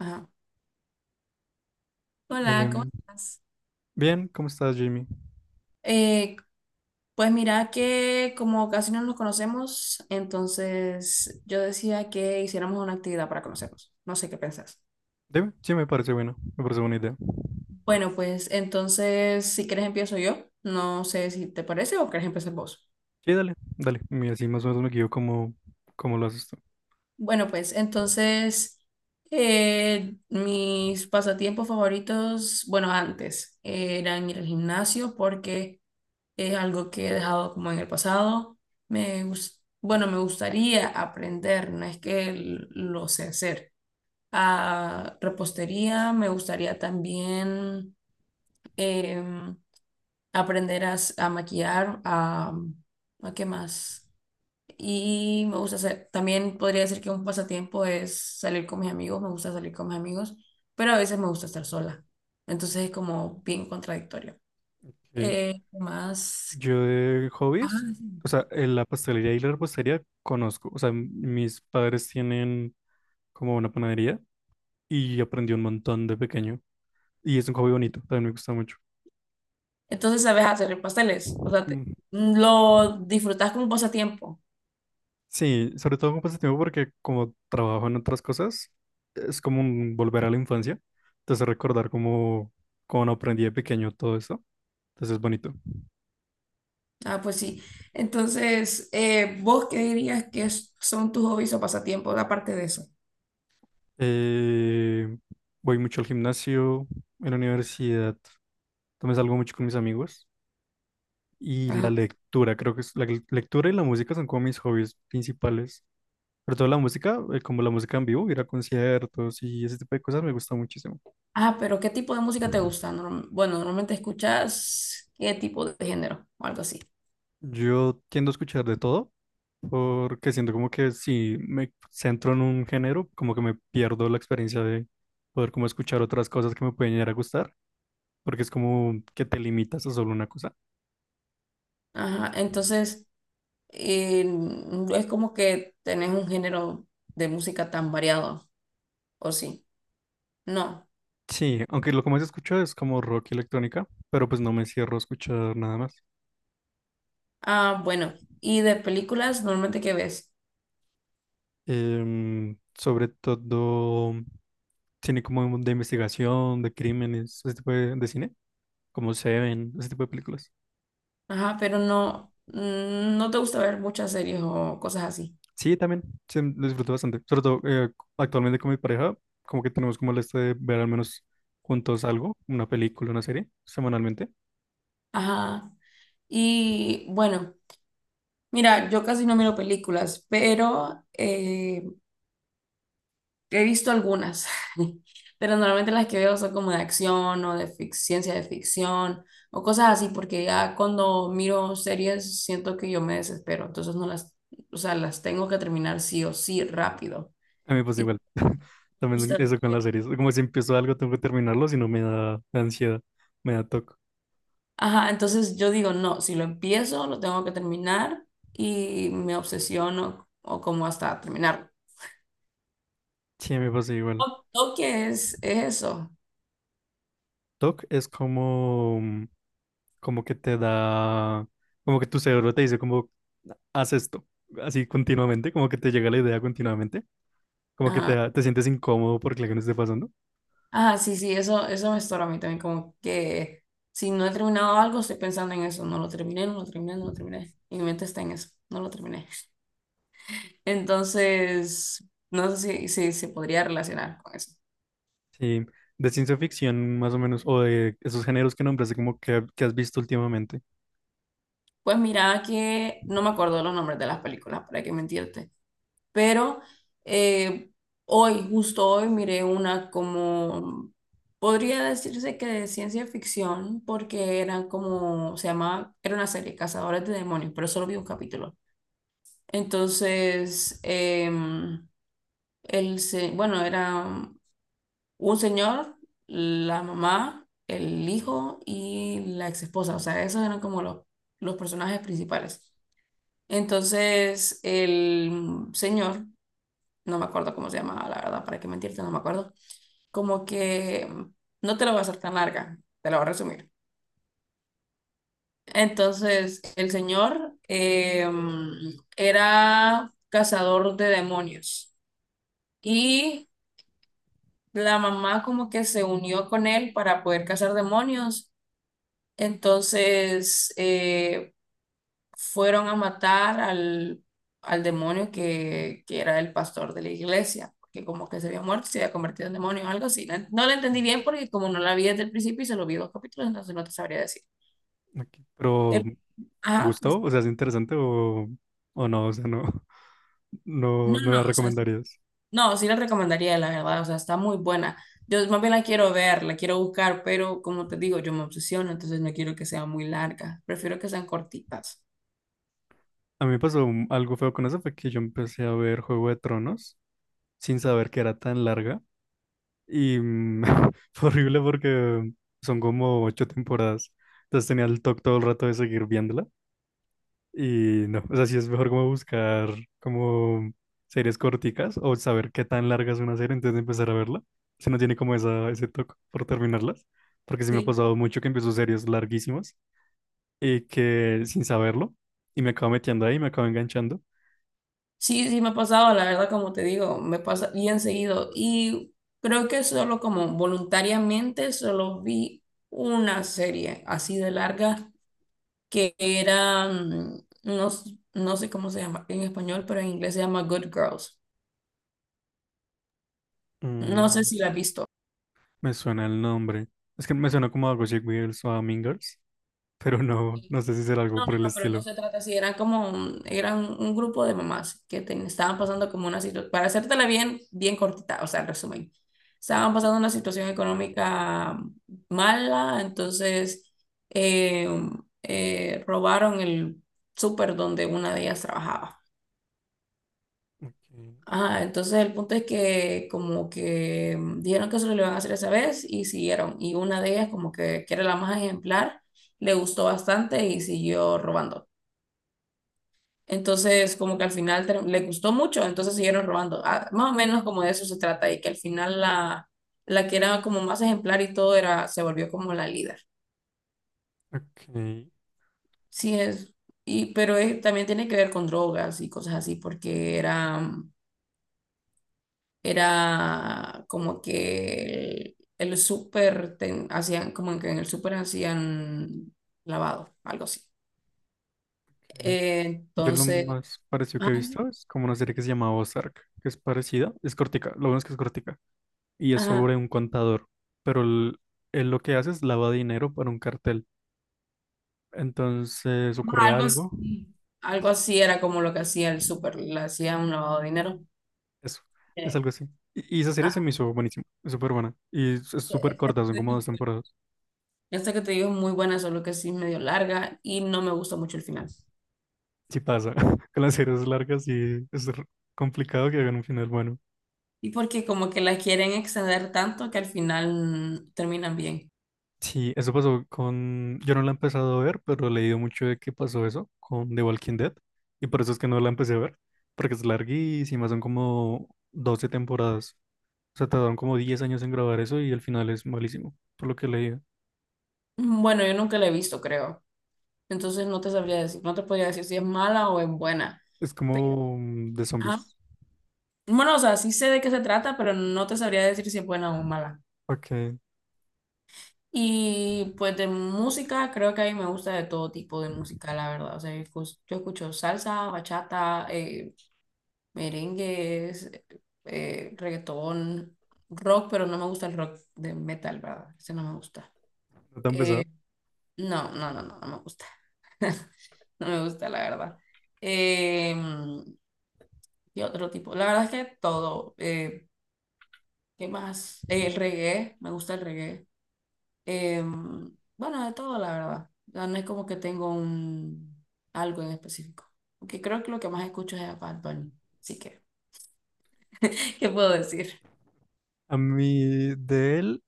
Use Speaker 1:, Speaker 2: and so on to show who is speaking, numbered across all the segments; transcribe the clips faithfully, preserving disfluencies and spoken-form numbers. Speaker 1: Ajá. Hola, ¿cómo
Speaker 2: Em,
Speaker 1: estás?
Speaker 2: Bien, ¿cómo estás, Jimmy?
Speaker 1: Eh, pues mira que como casi no nos conocemos, entonces yo decía que hiciéramos una actividad para conocernos. No sé qué pensás.
Speaker 2: Dime, sí, me parece bueno, me parece buena idea.
Speaker 1: Bueno, pues entonces si quieres empiezo yo. No sé si te parece o quieres empezar vos.
Speaker 2: Sí, dale, dale. Y así más o menos me guío como, como lo haces tú.
Speaker 1: Bueno, pues entonces eh, mis pasatiempos favoritos, bueno, antes eh, eran ir al gimnasio porque es algo que he dejado como en el pasado. Me gus- bueno, me gustaría aprender, no es que l- lo sé hacer. A repostería me gustaría también em, aprender a, s- a maquillar, a, ¿a qué más? Y me gusta hacer, también podría decir que un pasatiempo es salir con mis amigos, me gusta salir con mis amigos, pero a veces me gusta estar sola. Entonces es como bien contradictorio.
Speaker 2: Ok.
Speaker 1: Eh, ¿qué más?
Speaker 2: Yo de
Speaker 1: Ajá,
Speaker 2: hobbies,
Speaker 1: sí.
Speaker 2: o sea, en la pastelería y la repostería conozco. O sea, m- mis padres tienen como una panadería y aprendí un montón de pequeño. Y es un hobby bonito, también me gusta mucho.
Speaker 1: Entonces sabes hacer pasteles, o sea, te-
Speaker 2: Mm.
Speaker 1: lo disfrutas como pasatiempo.
Speaker 2: Sí, sobre todo con pasatiempo porque como trabajo en otras cosas, es como un volver a la infancia. Entonces recordar cómo, cómo aprendí de pequeño todo eso. Entonces es bonito.
Speaker 1: Ah, pues sí. Entonces, eh, ¿vos qué dirías que es- son tus hobbies o pasatiempos aparte de eso?
Speaker 2: Eh, voy mucho al gimnasio, en la universidad. También salgo mucho con mis amigos. Y la
Speaker 1: Ajá.
Speaker 2: lectura, creo que es, la lec- lectura y la música son como mis hobbies principales. Pero toda la música, eh, como la música en vivo, ir a conciertos y ese tipo de cosas me gusta muchísimo.
Speaker 1: Ah, pero ¿qué tipo de música te gusta? Norm- bueno, normalmente escuchas qué tipo de género o algo así.
Speaker 2: Yo tiendo a escuchar de todo porque siento como que si me centro en un género, como que me pierdo la experiencia de poder como escuchar otras cosas que me pueden llegar a gustar, porque es como que te limitas a solo una cosa.
Speaker 1: Ajá, entonces eh, no es como que tenés un género de música tan variado, ¿o sí? No.
Speaker 2: Sí, aunque lo que más escucho es como rock y electrónica, pero pues no me cierro a escuchar nada más.
Speaker 1: Ah, bueno. ¿Y de películas normalmente qué ves?
Speaker 2: Em, sobre todo cine como de investigación, de crímenes, ese tipo de, de cine, como Seven, ese tipo de películas.
Speaker 1: Ajá, pero no, mm, no te gusta ver muchas series o cosas así.
Speaker 2: Sí, también, sí, lo disfruto bastante. Sobre todo eh, actualmente con mi pareja, como que tenemos como el este de ver al menos juntos algo, una película, una serie, semanalmente.
Speaker 1: Ajá. Y bueno, mira, yo casi no miro películas, pero eh, he visto algunas. Pero normalmente las que veo son como de acción o de fic- ciencia de ficción o cosas así, porque ya cuando miro series siento que yo me desespero, entonces no las, o sea, las tengo que terminar sí o sí rápido.
Speaker 2: A mí pues
Speaker 1: Y
Speaker 2: igual,
Speaker 1: me
Speaker 2: también
Speaker 1: gusta
Speaker 2: eso con
Speaker 1: ver
Speaker 2: las series. Como si empiezo algo, tengo que terminarlo, si no me da ansiedad, me da toque.
Speaker 1: Ajá, entonces yo digo, no, si lo empiezo, lo tengo que terminar y me obsesiono o como hasta terminarlo.
Speaker 2: Sí, me pasa igual.
Speaker 1: Toque es, es eso.
Speaker 2: T O C es como, mm, como que te da, como que tu cerebro te dice como, haz esto, así continuamente, como que te llega la idea continuamente, como que te,
Speaker 1: Ajá.
Speaker 2: da- te sientes incómodo porque la que no esté pasando.
Speaker 1: Ajá, sí, sí, eso, eso me estorba a mí también, como que si no he terminado algo, estoy pensando en eso, no lo terminé, no lo terminé, no lo terminé. Y mi mente está en eso, no lo terminé. Entonces, no sé si, si se podría relacionar con eso.
Speaker 2: Sí, de ciencia ficción más o menos, o de esos géneros que nombraste, como que, que has visto últimamente.
Speaker 1: Pues mira que no me acuerdo los nombres de las películas, para qué mentirte. Pero eh, hoy, justo hoy, miré una como, podría decirse que de ciencia ficción, porque eran como, se llamaba, era una serie, Cazadores de Demonios, pero solo vi un capítulo. Entonces, em, el, se- bueno, era un señor, la mamá, el hijo y la ex esposa, o sea, esos eran como los, los personajes principales. Entonces, el señor no me acuerdo cómo se llamaba, la verdad, para qué mentirte, no me acuerdo. Como que mm, no te la voy a hacer tan larga, te la voy a resumir. Entonces, el señor eh, mm, era cazador de demonios y la mamá como que se unió con él para poder cazar demonios. Entonces, eh, fueron a matar al, al demonio que, que era el pastor de la iglesia, que como que se había muerto, y se había convertido en demonio o algo así. No, no lo entendí
Speaker 2: Ok,
Speaker 1: bien porque como no la vi desde el principio y se lo vi dos capítulos, entonces no te sabría decir.
Speaker 2: ok. Pero,
Speaker 1: El-
Speaker 2: mm, ¿te
Speaker 1: ajá, des-
Speaker 2: gustó? O sea, ¿es interesante o, o no? O sea, no, no,
Speaker 1: no,
Speaker 2: no la
Speaker 1: no, o sea,
Speaker 2: recomendarías.
Speaker 1: no, sí la recomendaría, la verdad, o sea, está muy buena. Yo más bien la quiero ver, la quiero buscar, pero como te digo, yo me obsesiono, entonces no quiero que sea muy larga, prefiero que sean cortitas.
Speaker 2: A mí me pasó mm, algo feo con eso, fue que yo empecé a ver Juego de Tronos sin saber que era tan larga. Y mm, fue horrible porque son como ocho temporadas. Entonces tenía el toque todo el rato de seguir viéndola. Y no, o sea, sí es mejor como buscar como series corticas o saber qué tan larga es una serie antes de empezar a verla. Si no tiene como esa, ese toque por terminarlas. Porque sí me ha
Speaker 1: Sí.
Speaker 2: pasado mucho que empiezo series larguísimas y que sin saberlo. Y me acabo metiendo ahí, me acabo enganchando.
Speaker 1: Sí, sí me ha pasado, la verdad, como te digo, me pasa bien seguido. Y creo que solo como voluntariamente solo vi una serie así de larga que era, mm, no, s- no sé cómo se llama en español, pero en inglés se llama Good Girls. No sé
Speaker 2: Mm,
Speaker 1: si la has visto.
Speaker 2: me suena el nombre. Es que me suena como algo así, Girls o Mean Girls. Pero no, no sé si será algo
Speaker 1: No,
Speaker 2: por
Speaker 1: no,
Speaker 2: el
Speaker 1: no, pero no
Speaker 2: estilo.
Speaker 1: se trata así, eran como, un- eran un grupo de mamás que ten- estaban pasando como una situación, para hacértela bien, bien cortita, o sea, el resumen, estaban pasando una situación económica mala, entonces eh, eh, robaron el súper donde una de ellas trabajaba.
Speaker 2: Ok,
Speaker 1: Ajá, entonces el punto es que como que mm, dijeron que solo lo iban a hacer esa vez y siguieron, y una de ellas como que, que era la más ejemplar, le gustó bastante y siguió robando. Entonces, como que al final ter- le gustó mucho, entonces siguieron robando. Ah, más o menos como de eso se trata, y que al final la, la que era como más ejemplar y todo era, se volvió como la líder.
Speaker 2: ok,
Speaker 1: Sí es, y, pero es- también tiene que ver con drogas y cosas así, porque era, era como que el, el súper, ten- hacían, como que en el súper hacían lavado, algo así.
Speaker 2: ok.
Speaker 1: Eh,
Speaker 2: Yo lo
Speaker 1: entonces,
Speaker 2: más parecido
Speaker 1: ah,
Speaker 2: que he
Speaker 1: sí,
Speaker 2: visto es como una serie que se llama Ozark, que es parecida, es cortica, lo bueno es que es cortica, y es
Speaker 1: ajá.
Speaker 2: sobre un contador, pero él él lo que hace es lava dinero para un cartel. Entonces ocurre
Speaker 1: Algo
Speaker 2: algo,
Speaker 1: así, algo así era como lo que hacía el súper, le hacía un lavado de dinero.
Speaker 2: eso, es
Speaker 1: Eh,
Speaker 2: algo así. Y, y esa serie se
Speaker 1: ah,
Speaker 2: me hizo buenísima, es súper buena, y es es súper corta, son
Speaker 1: te
Speaker 2: como
Speaker 1: digo,
Speaker 2: dos temporadas.
Speaker 1: esta que te digo es muy buena, solo que sí es medio larga y no me gusta mucho el final.
Speaker 2: Si pasa, con las series largas y es r- complicado que hagan un final bueno.
Speaker 1: Y porque como que la quieren extender tanto que al final mm, terminan bien.
Speaker 2: Sí, eso pasó con... Yo no la he empezado a ver, pero he leído mucho de que pasó eso con The Walking Dead. Y por eso es que no la empecé a ver. Porque es larguísima, son como doce temporadas. O sea, tardaron como diez años en grabar eso y el final es malísimo, por lo que he leído.
Speaker 1: Mm, bueno, yo nunca la he visto, creo. Entonces no te sabría decir, no te podría decir si es mala o es buena.
Speaker 2: Es
Speaker 1: Pero,
Speaker 2: como mm, de
Speaker 1: ajá.
Speaker 2: zombies.
Speaker 1: Bueno, o sea, sí sé de qué se trata, pero no te sabría decir si es buena o mala.
Speaker 2: Ok,
Speaker 1: Y pues de música, creo que a mí me gusta de todo tipo de música, la verdad. O sea, yo escu- yo escucho salsa, bachata, eh, merengues, eh, reggaetón, rock, pero no me gusta el rock de metal, ¿verdad? Ese no me gusta.
Speaker 2: no tan
Speaker 1: Eh,
Speaker 2: pesado.
Speaker 1: no, no, no, no, no me gusta. No me gusta, la verdad. Eh, y otro tipo. La verdad es que todo. eh, ¿qué más? Eh, el reggae, me gusta el reggae. Em, bueno, de todo, la verdad. Ya no es como que tengo un algo en específico. Aunque creo que lo que más escucho es a Bad Bunny. Así que, ¿qué puedo decir?
Speaker 2: A mí de él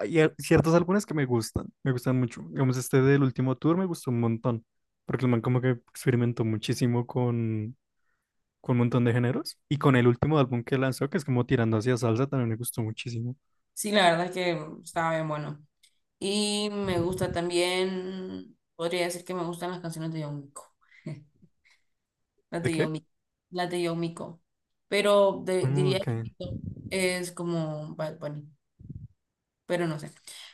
Speaker 2: hay a- ciertos álbumes que me gustan, me gustan mucho. Digamos, este del último tour me gustó un montón. Porque el man como que experimentó muchísimo con con un montón de géneros. Y con el último álbum que lanzó, que es como tirando hacia salsa, también me gustó muchísimo.
Speaker 1: Sí, la verdad es que estaba bien bueno. Y me gusta también, podría decir que me gustan las canciones de Yomiko. Las
Speaker 2: ¿De
Speaker 1: de
Speaker 2: qué?
Speaker 1: Yomiko. Las de Yomiko. Pero de-
Speaker 2: Ah,
Speaker 1: diría
Speaker 2: ok.
Speaker 1: que mi top es como Bad Bunny. Pero no sé.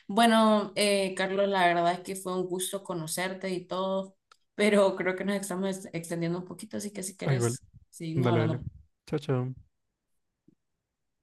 Speaker 1: Bueno, eh, Carlos, la verdad es que fue un gusto conocerte y todo, pero creo que nos estamos extendiendo un poquito, así que si
Speaker 2: Ah, igual.
Speaker 1: quieres, seguimos
Speaker 2: Dale, dale.
Speaker 1: hablando.
Speaker 2: Chao, chao.